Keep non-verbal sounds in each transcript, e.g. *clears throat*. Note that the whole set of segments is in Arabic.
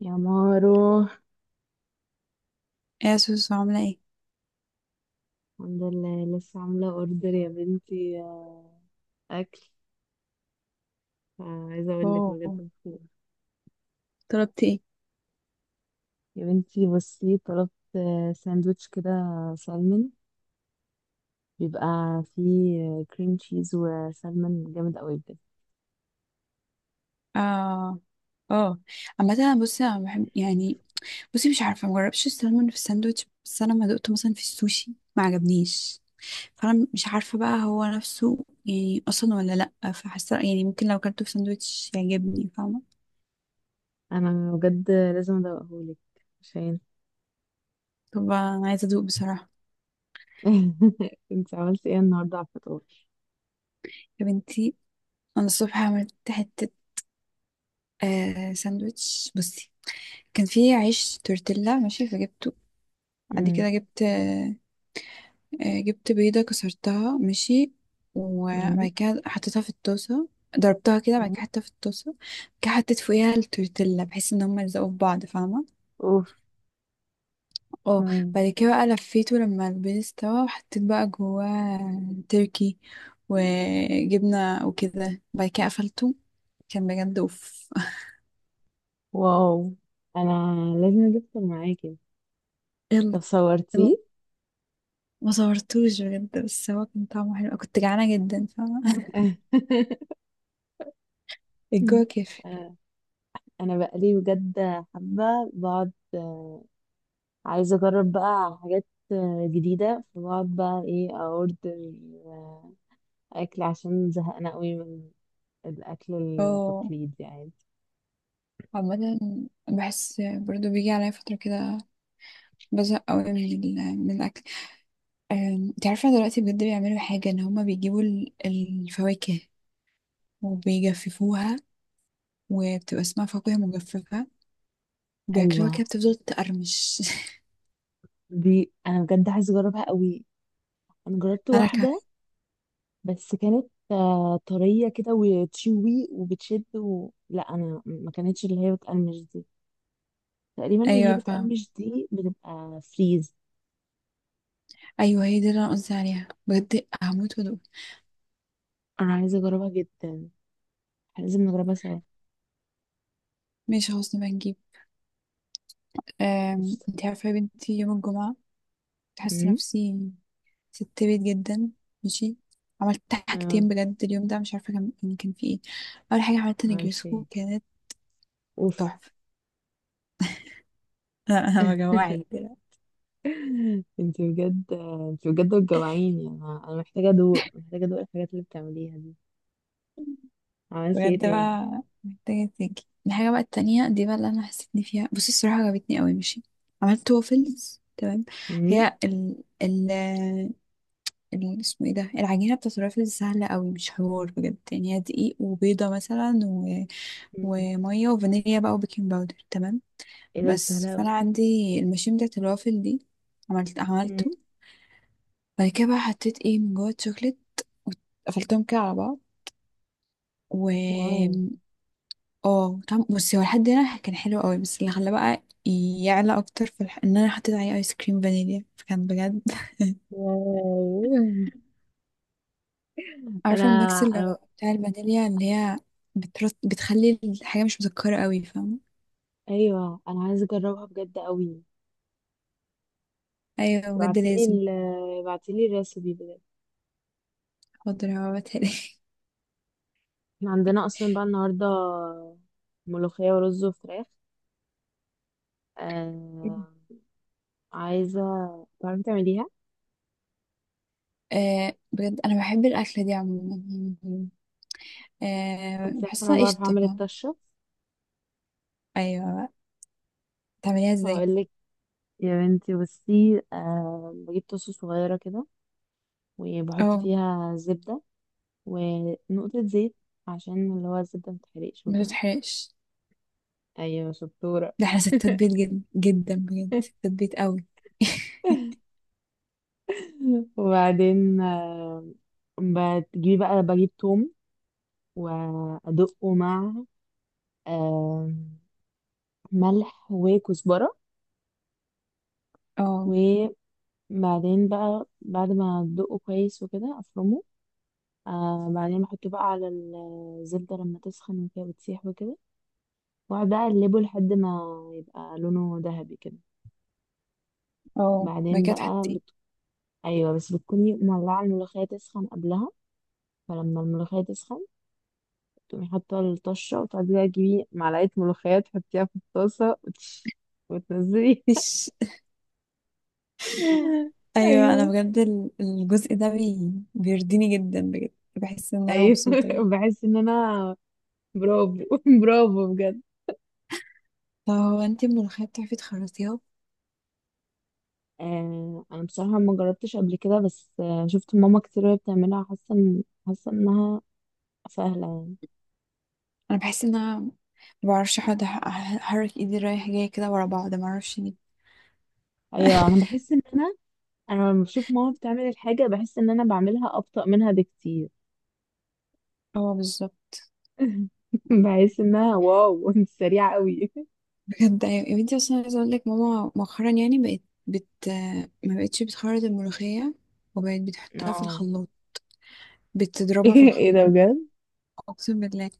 يا مارو، ايه يا سوسو، عاملة ايه؟ الحمد لله لسه عاملة اوردر يا بنتي. أكل. عايزة أقول لك بجد اوه، مبسوطة. طلبتي ايه؟ يا بنتي بصي، طلبت ساندوتش كده سالمون، بيبقى فيه كريم تشيز وسالمون جامد قوي بجد. اه، اه، عامة انا بصي انا بحب يعني. بصي، مش عارفة، مجربش السلمون في الساندوتش، بس انا لما دقته مثلا في السوشي ما عجبنيش. فانا مش عارفة بقى هو نفسه يعني اصلا ولا لأ. فحاسة يعني ممكن لو اكلته في ساندوتش يعجبني، فاهمة؟ أنا بجد لازم أدوقهولك عشان... طب انا عايزة ادوق بصراحة. *laughs* انت عملتي ايه النهاردة على الفطار؟ يا بنتي، انا الصبح عملت حتة ساندوتش. بصي، كان فيه عيش تورتيلا ماشي فجبته. بعد مم. كده جبت آه، آه، جبت بيضة، كسرتها ماشي، وبعد مم. كده حطيتها في الطاسة. ضربتها كده، بعد مم. كده حطيتها في الطاسة، بعد كده حطيت فوقيها التورتيلا بحيث ان هما يلزقوا في بعض، فاهمة؟ اوف. اه. مم. بعد كده بقى لفيته لما البيض استوى، وحطيت بقى جواه تركي وجبنة وكده، بعد كده قفلته. كان بجد اوف. واو. أنا لازم أجيبه معاكي. *laughs* طب يلا، يلا، صورتيه؟ ما صورتوش بجد، بس هو كان طعمه حلو، كنت جعانة جدا، فاهمة؟ *laughs* *laughs* الجو كافي. آه، انا بقالي بجد حابه بقعد، آه، عايزه اجرب بقى حاجات جديده، فبقعد بقى ايه اوردر آه، اكل عشان زهقانه قوي من الاكل اه، التقليدي يعني. عامة بحس برضو بيجي عليا فترة كده، بزهق قوي من من الأكل. أم، انت عارفة دلوقتي بجد بيعملوا حاجة، إن هما بيجيبوا الفواكه وبيجففوها، وبتبقى اسمها فاكهة مجففة. ايوه، بياكلوها كده، بتفضل تقرمش. *laughs* دي انا بجد عايزه اجربها قوي. انا جربت أنا كمان. واحده بس كانت طريه كده وتشوي وبتشد لا، انا ما كانتش اللي هي بتقرمش دي. تقريبا اللي هي أيوة فاهم. بتقرمش دي بتبقى فريز. أيوة هي دي اللي أنا قصدي عليها، بجد هموت وأدوق. انا عايزه اجربها جدا. إحنا لازم نجربها سوا. ماشي، خلاص نبقى نجيب. قشطة. انت عارفة يا بنتي، يوم الجمعة كنت حاسة امم. نفسي ست بيت جدا، ماشي. عملت اه. حاجتين بجد اليوم ده، مش عارفه كان يعني كان في ايه. اول حاجه عملت عالسي. نجريسكو، كانت اوف. تحفه. *laughs* انا، أنا *laughs* بجوعك دلوقتي. انت بجد انت بجد بتجوعيني. انا محتاجه ادوق الحاجات اللي بتعمليها دي. عملتي ايه بجد تاني؟ بقى محتاجه تيجي الحاجه بقى التانية دي بقى، اللي انا حسيتني فيها. بصي، الصراحه عجبتني قوي ماشي. عملت وافلز، تمام. امم. هي اسمه ايه ده، العجينه بتاعت الوافلز سهله قوي، مش حوار بجد يعني. هي دقيق وبيضه مثلا، و... أمم. وميه وفانيليا بقى، وبيكنج باودر، تمام. ايه ده؟ دي سهله بس فانا أوي. عندي الماشين بتاعت الوافل دي. عملت أمم. عملته بعد كده بقى حطيت ايه من جوه الشوكليت، وقفلتهم كده على بعض. و واو. اه، طعم، بصي، هو لحد هنا كان حلو قوي، بس اللي خلاه بقى يعلى اكتر ان انا حطيت عليه ايس كريم فانيليا، فكان بجد. *laughs* واو. *laughs* انا، عارفه الميكس اللي انا. بتاع الفانيليا، اللي هي بتخلي الحاجه مش مسكره قوي، فاهمه؟ ايوه انا عايزه اجربها بجد قوي. ايوه، بجد ابعتيلي لازم. ال ابعتيلي الريسبي بجد. حاضر هبعتها لك. *laughs* احنا عندنا اصلا بقى النهارده ملوخيه ورز وفراخ. آه... عايزه تعرفي تعمليها. آه بجد انا بحب الاكله دي عموما. آه، انت عارفه انا بحسها بعرف قشطه. اعمل الطشه. ايوه، تعمليها ازاي؟ هقول لك. يا بنتي بصي، بجيب طاسة صغيرة كده وبحط اه، فيها زبدة ونقطة زيت عشان اللي هو الزبدة متحرقش ما وكده. تتحرقش. أيوة شطورة. ده احنا ستات بيت جد جدا، بجد ستات بيت قوي. *laughs* *laughs* وبعدين، بتجيبي بقى بجيب توم وأدقه مع آه، ملح وكزبرة. اه. وبعدين بقى بعد ما أدقه كويس وكده أفرمه. بعدين بحطه بقى على الزبدة لما تسخن وكده بتسيح وكده. واقعد بقى اقلبه لحد ما يبقى لونه ذهبي كده. اه، بعد بعدين كده بقى تحطيه؟ ايوه، بس بتكوني مولعه الملوخيه تسخن قبلها. فلما الملوخيه تسخن تقومي حاطه الطشه وتقعدي بقى تجيبي معلقه ملوخيه تحطيها في الطاسه وتنزلي. فيش. *laughs* *laughs* ايوه انا ايوه، بجد الجزء ده بيرضيني جدا، بجد بحس ان انا ايوه. مبسوطه يعني. *laughs* بحس ان انا برافو. *laughs* برافو بجد. طب هو انت الملوخيه بتعرفي تخرطيها؟ انا بصراحه ما جربتش قبل كده، بس شفت ماما كتير وهي بتعملها. حاسه انها سهله يعني. انا بحس ان انا ما بعرفش احط، احرك ايدي رايح جاي كده ورا بعض، ما اعرفش ليه. ايوه انا *laughs* بحس ان انا لما بشوف ماما بتعمل الحاجه بحس ان انا بعملها ابطأ منها بكتير. اه بالظبط. *laughs* بحس انها واو. *laughs* انت سريعه قوي. بجد ايوه يا بنتي، اصلا عايزه اقول لك ماما مؤخرا يعني بقت، بت ما بقتش بتخرط الملوخيه، وبقت بتحطها في اه. الخلاط. *laughs* بتضربها في ايه ده الخلاط، بجد؟ اقسم بالله.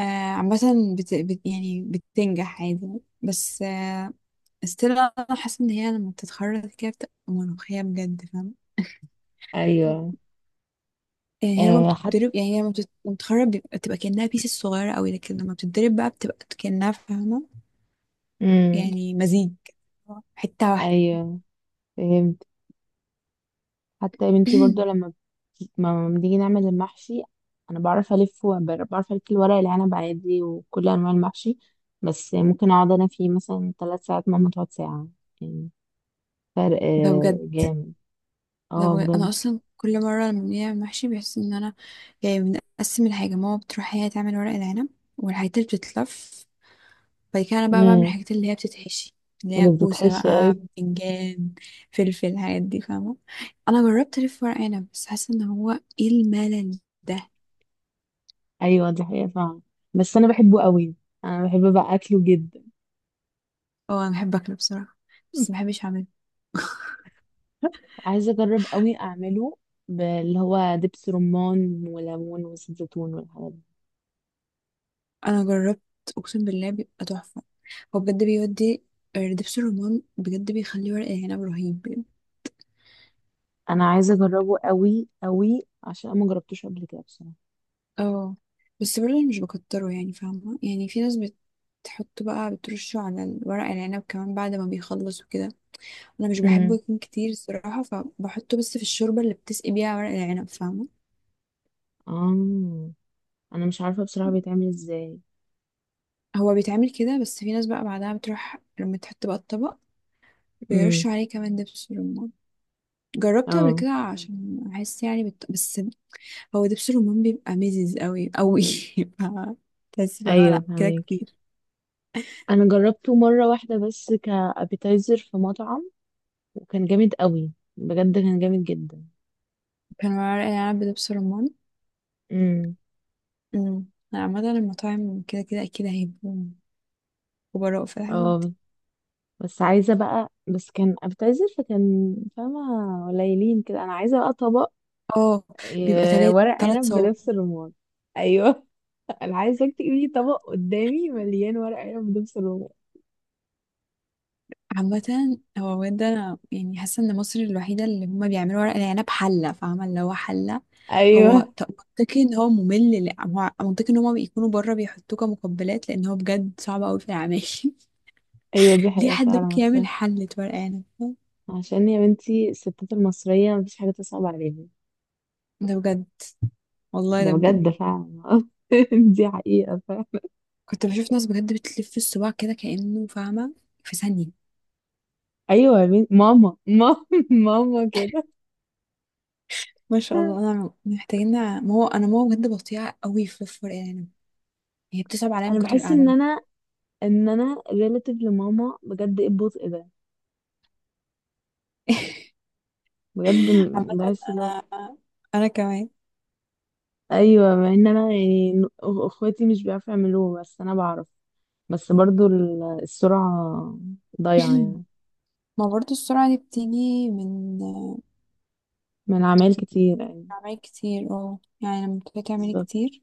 آه، عامه يعني بتنجح عادي، بس آه، استنى، انا حاسه ان هي لما بتتخرط كده بتبقى ملوخيه بجد، فاهمه؟ ايوه. يعني هي لما حتى. بتتضرب، يعني هي لما لما بتتخرط بتبقى كأنها بيس صغيرة قوي، لكن لما بتتضرب بقى بتبقى كأنها، فاهمة؟ امم. يعني مزيج، حتة واحدة. ايوه فهمت. حتى يا بنتي برضو، *clears throat* ما بنيجي نعمل المحشي. انا بعرف الف الورق العنب عادي وكل انواع المحشي. بس ممكن اقعد انا فيه مثلا 3 ساعات، ماما تقعد ساعه يعني. فرق ده بجد، جامد. ده اه بجد انا بجد. اصلا كل مره لما بنعمل محشي بحس ان انا، يعني بنقسم الحاجه. ماما بتروح هي تعمل ورق العنب والحاجات اللي بتتلف، بعد كده انا بقى بعمل امم. الحاجات اللي هي بتتحشي، اللي هي اللي كوسه بقى، بتتحشي. بتنجان، فلفل، الحاجات دي، فاهمه؟ انا جربت الف ورق عنب، بس حاسه ان هو، ايه الملل ده. ايوه دي حقيقة فعلا، بس انا بحبه قوي. انا بحب بقى اكله جدا. اه، انا بحب اكله بصراحه، بس ما *laughs* بحبش اعمله. عايزة اجرب قوي اعمله، اللي هو دبس رمان وليمون وزيت زيتون والحاجات دي. انا جربت، اقسم بالله بيبقى تحفه. هو بجد بيودي، آه، دبس الرمان بجد بيخلي ورق العنب رهيب. انا عايزة اجربه قوي قوي عشان انا ما جربتوش قبل كده بصراحة. اه، بس برضه مش بكتره يعني، فاهمة؟ يعني في ناس بتحط بقى، بترشه على الورق العنب كمان بعد ما بيخلص وكده. انا مش بحبه امم. يكون كتير الصراحة، فبحطه بس في الشوربة اللي بتسقي بيها ورق العنب، فاهمة؟ اه. انا مش عارفة بصراحة بيتعمل ازاي. هو بيتعمل كده، بس في ناس بقى بعدها بتروح لما تحط بقى الطبق امم. بيرشوا عليه كمان دبس رمان. جربته قبل اه. كده عشان احس يعني بس هو دبس الرمان بيبقى مزز قوي قوي. *laughs* ف- بس لا ايوه لا كده فهماكي. كتير. انا جربته مرة واحدة بس كابيتايزر في مطعم، وكان جامد قوي. بجد كان جامد جدا. كان ورق العنب بدبس رمان. امم. امم، عامة المطاعم كده كده أكيد هيبقوا خبراء في الحاجات دي. اه. بس عايزة بقى، بس كان أبتذل فكان، فاهمة، قليلين كده. أنا عايزة بقى طبق اه، بيبقى تلات ورق تلات عنب صوابع. بنفس الرمان. أيوه. *laughs* أنا عايزة تجيبي طبق قدامي مليان ورق عنب بنفس الرمان. عامة هو بجد، أنا يعني حاسة إن مصر الوحيدة اللي هما بيعملوا ورق العنب حلة، فاهمة؟ اللي هو حلة. هو أيوه. منطقي إن هو ممل، لأ، هو منطقي إن هما بيكونوا بره بيحطوه كمقبلات، لأن هو بجد صعب أوي في العمايل. *laughs* *laughs* أيوه دي ليه حقيقة حد فعلا، ممكن بس يعمل حلة ورق عنب؟ عشان يا بنتي الستات المصرية مفيش حاجة تصعب عليهم. ده بجد، والله ده ده بجد. بجد فعلا. *laughs* دي حقيقة فعلا. كنت بشوف ناس بجد بتلف الصباع كده كأنه، فاهمة؟ في ثانية. أيوه يا بنتي، ماما، ماما. *laughs* ماما كده. ما شاء الله، انا محتاجين ما هو انا ماما بجد بطيئه قوي في الفرقان. هي بتصعب عليا من أنا كتر بحس القعده. إن أنا ريلاتيف لماما، بجد إيه البطء ده. *laughs* بجد عامه بحس اللي هو. انا، انا كمان. ايوه مع ان انا يعني اخواتي مش بيعرفوا يعملوه، بس انا بعرف. بس برضو السرعه ضايعه *clears throat* يعني. ما برضو السرعه دي بتيجي من من عمال كتير يعني. اعمال كتير. اه، يعني لما بتبقي تعملي بالظبط. كتير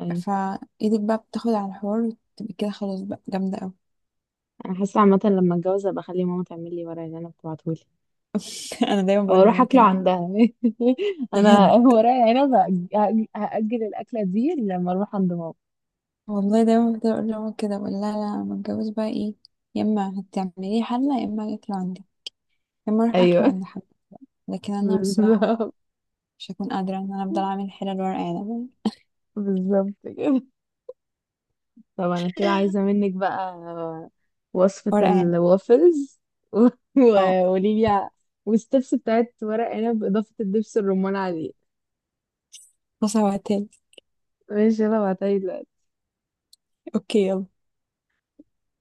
ايوه. فايدك بقى، بتاخد على الحوار وتبقي كده خلاص بقى جامده قوي. انا حاسه عامه لما اتجوز ابقى اخلي ماما تعمل لي ورق العنب تبعتهولي. *laughs* انا دايما او بقول اروح لماما اكله كده. عندها. *laughs* انا بجد ورق العنب هاجل الاكله دي لما اروح عند ماما. والله دايما بفضل اقول لماما كده، بقول لها: لا، لما اتجوز بقى ايه، يا اما هتعملي حله، يا اما هاكله عندي، يا اما اروح ايوه. اكله *laughs* عند حد. لكن انا بصراحه بالظبط. مش هكون قادرة ان انا افضل اعمل حلل ورق عنب يعني. بالظبط كده. طب انا كده عايزة منك بقى وصفة ورق عنب. الوافلز. *laughs* اه، وقولي لي. والستبس بتاعت ورق عنب بإضافة الدبس الرمان عليه. بصل وتاني. ماشي، يلا بعتها لي دلوقتي. اوكي، يلا.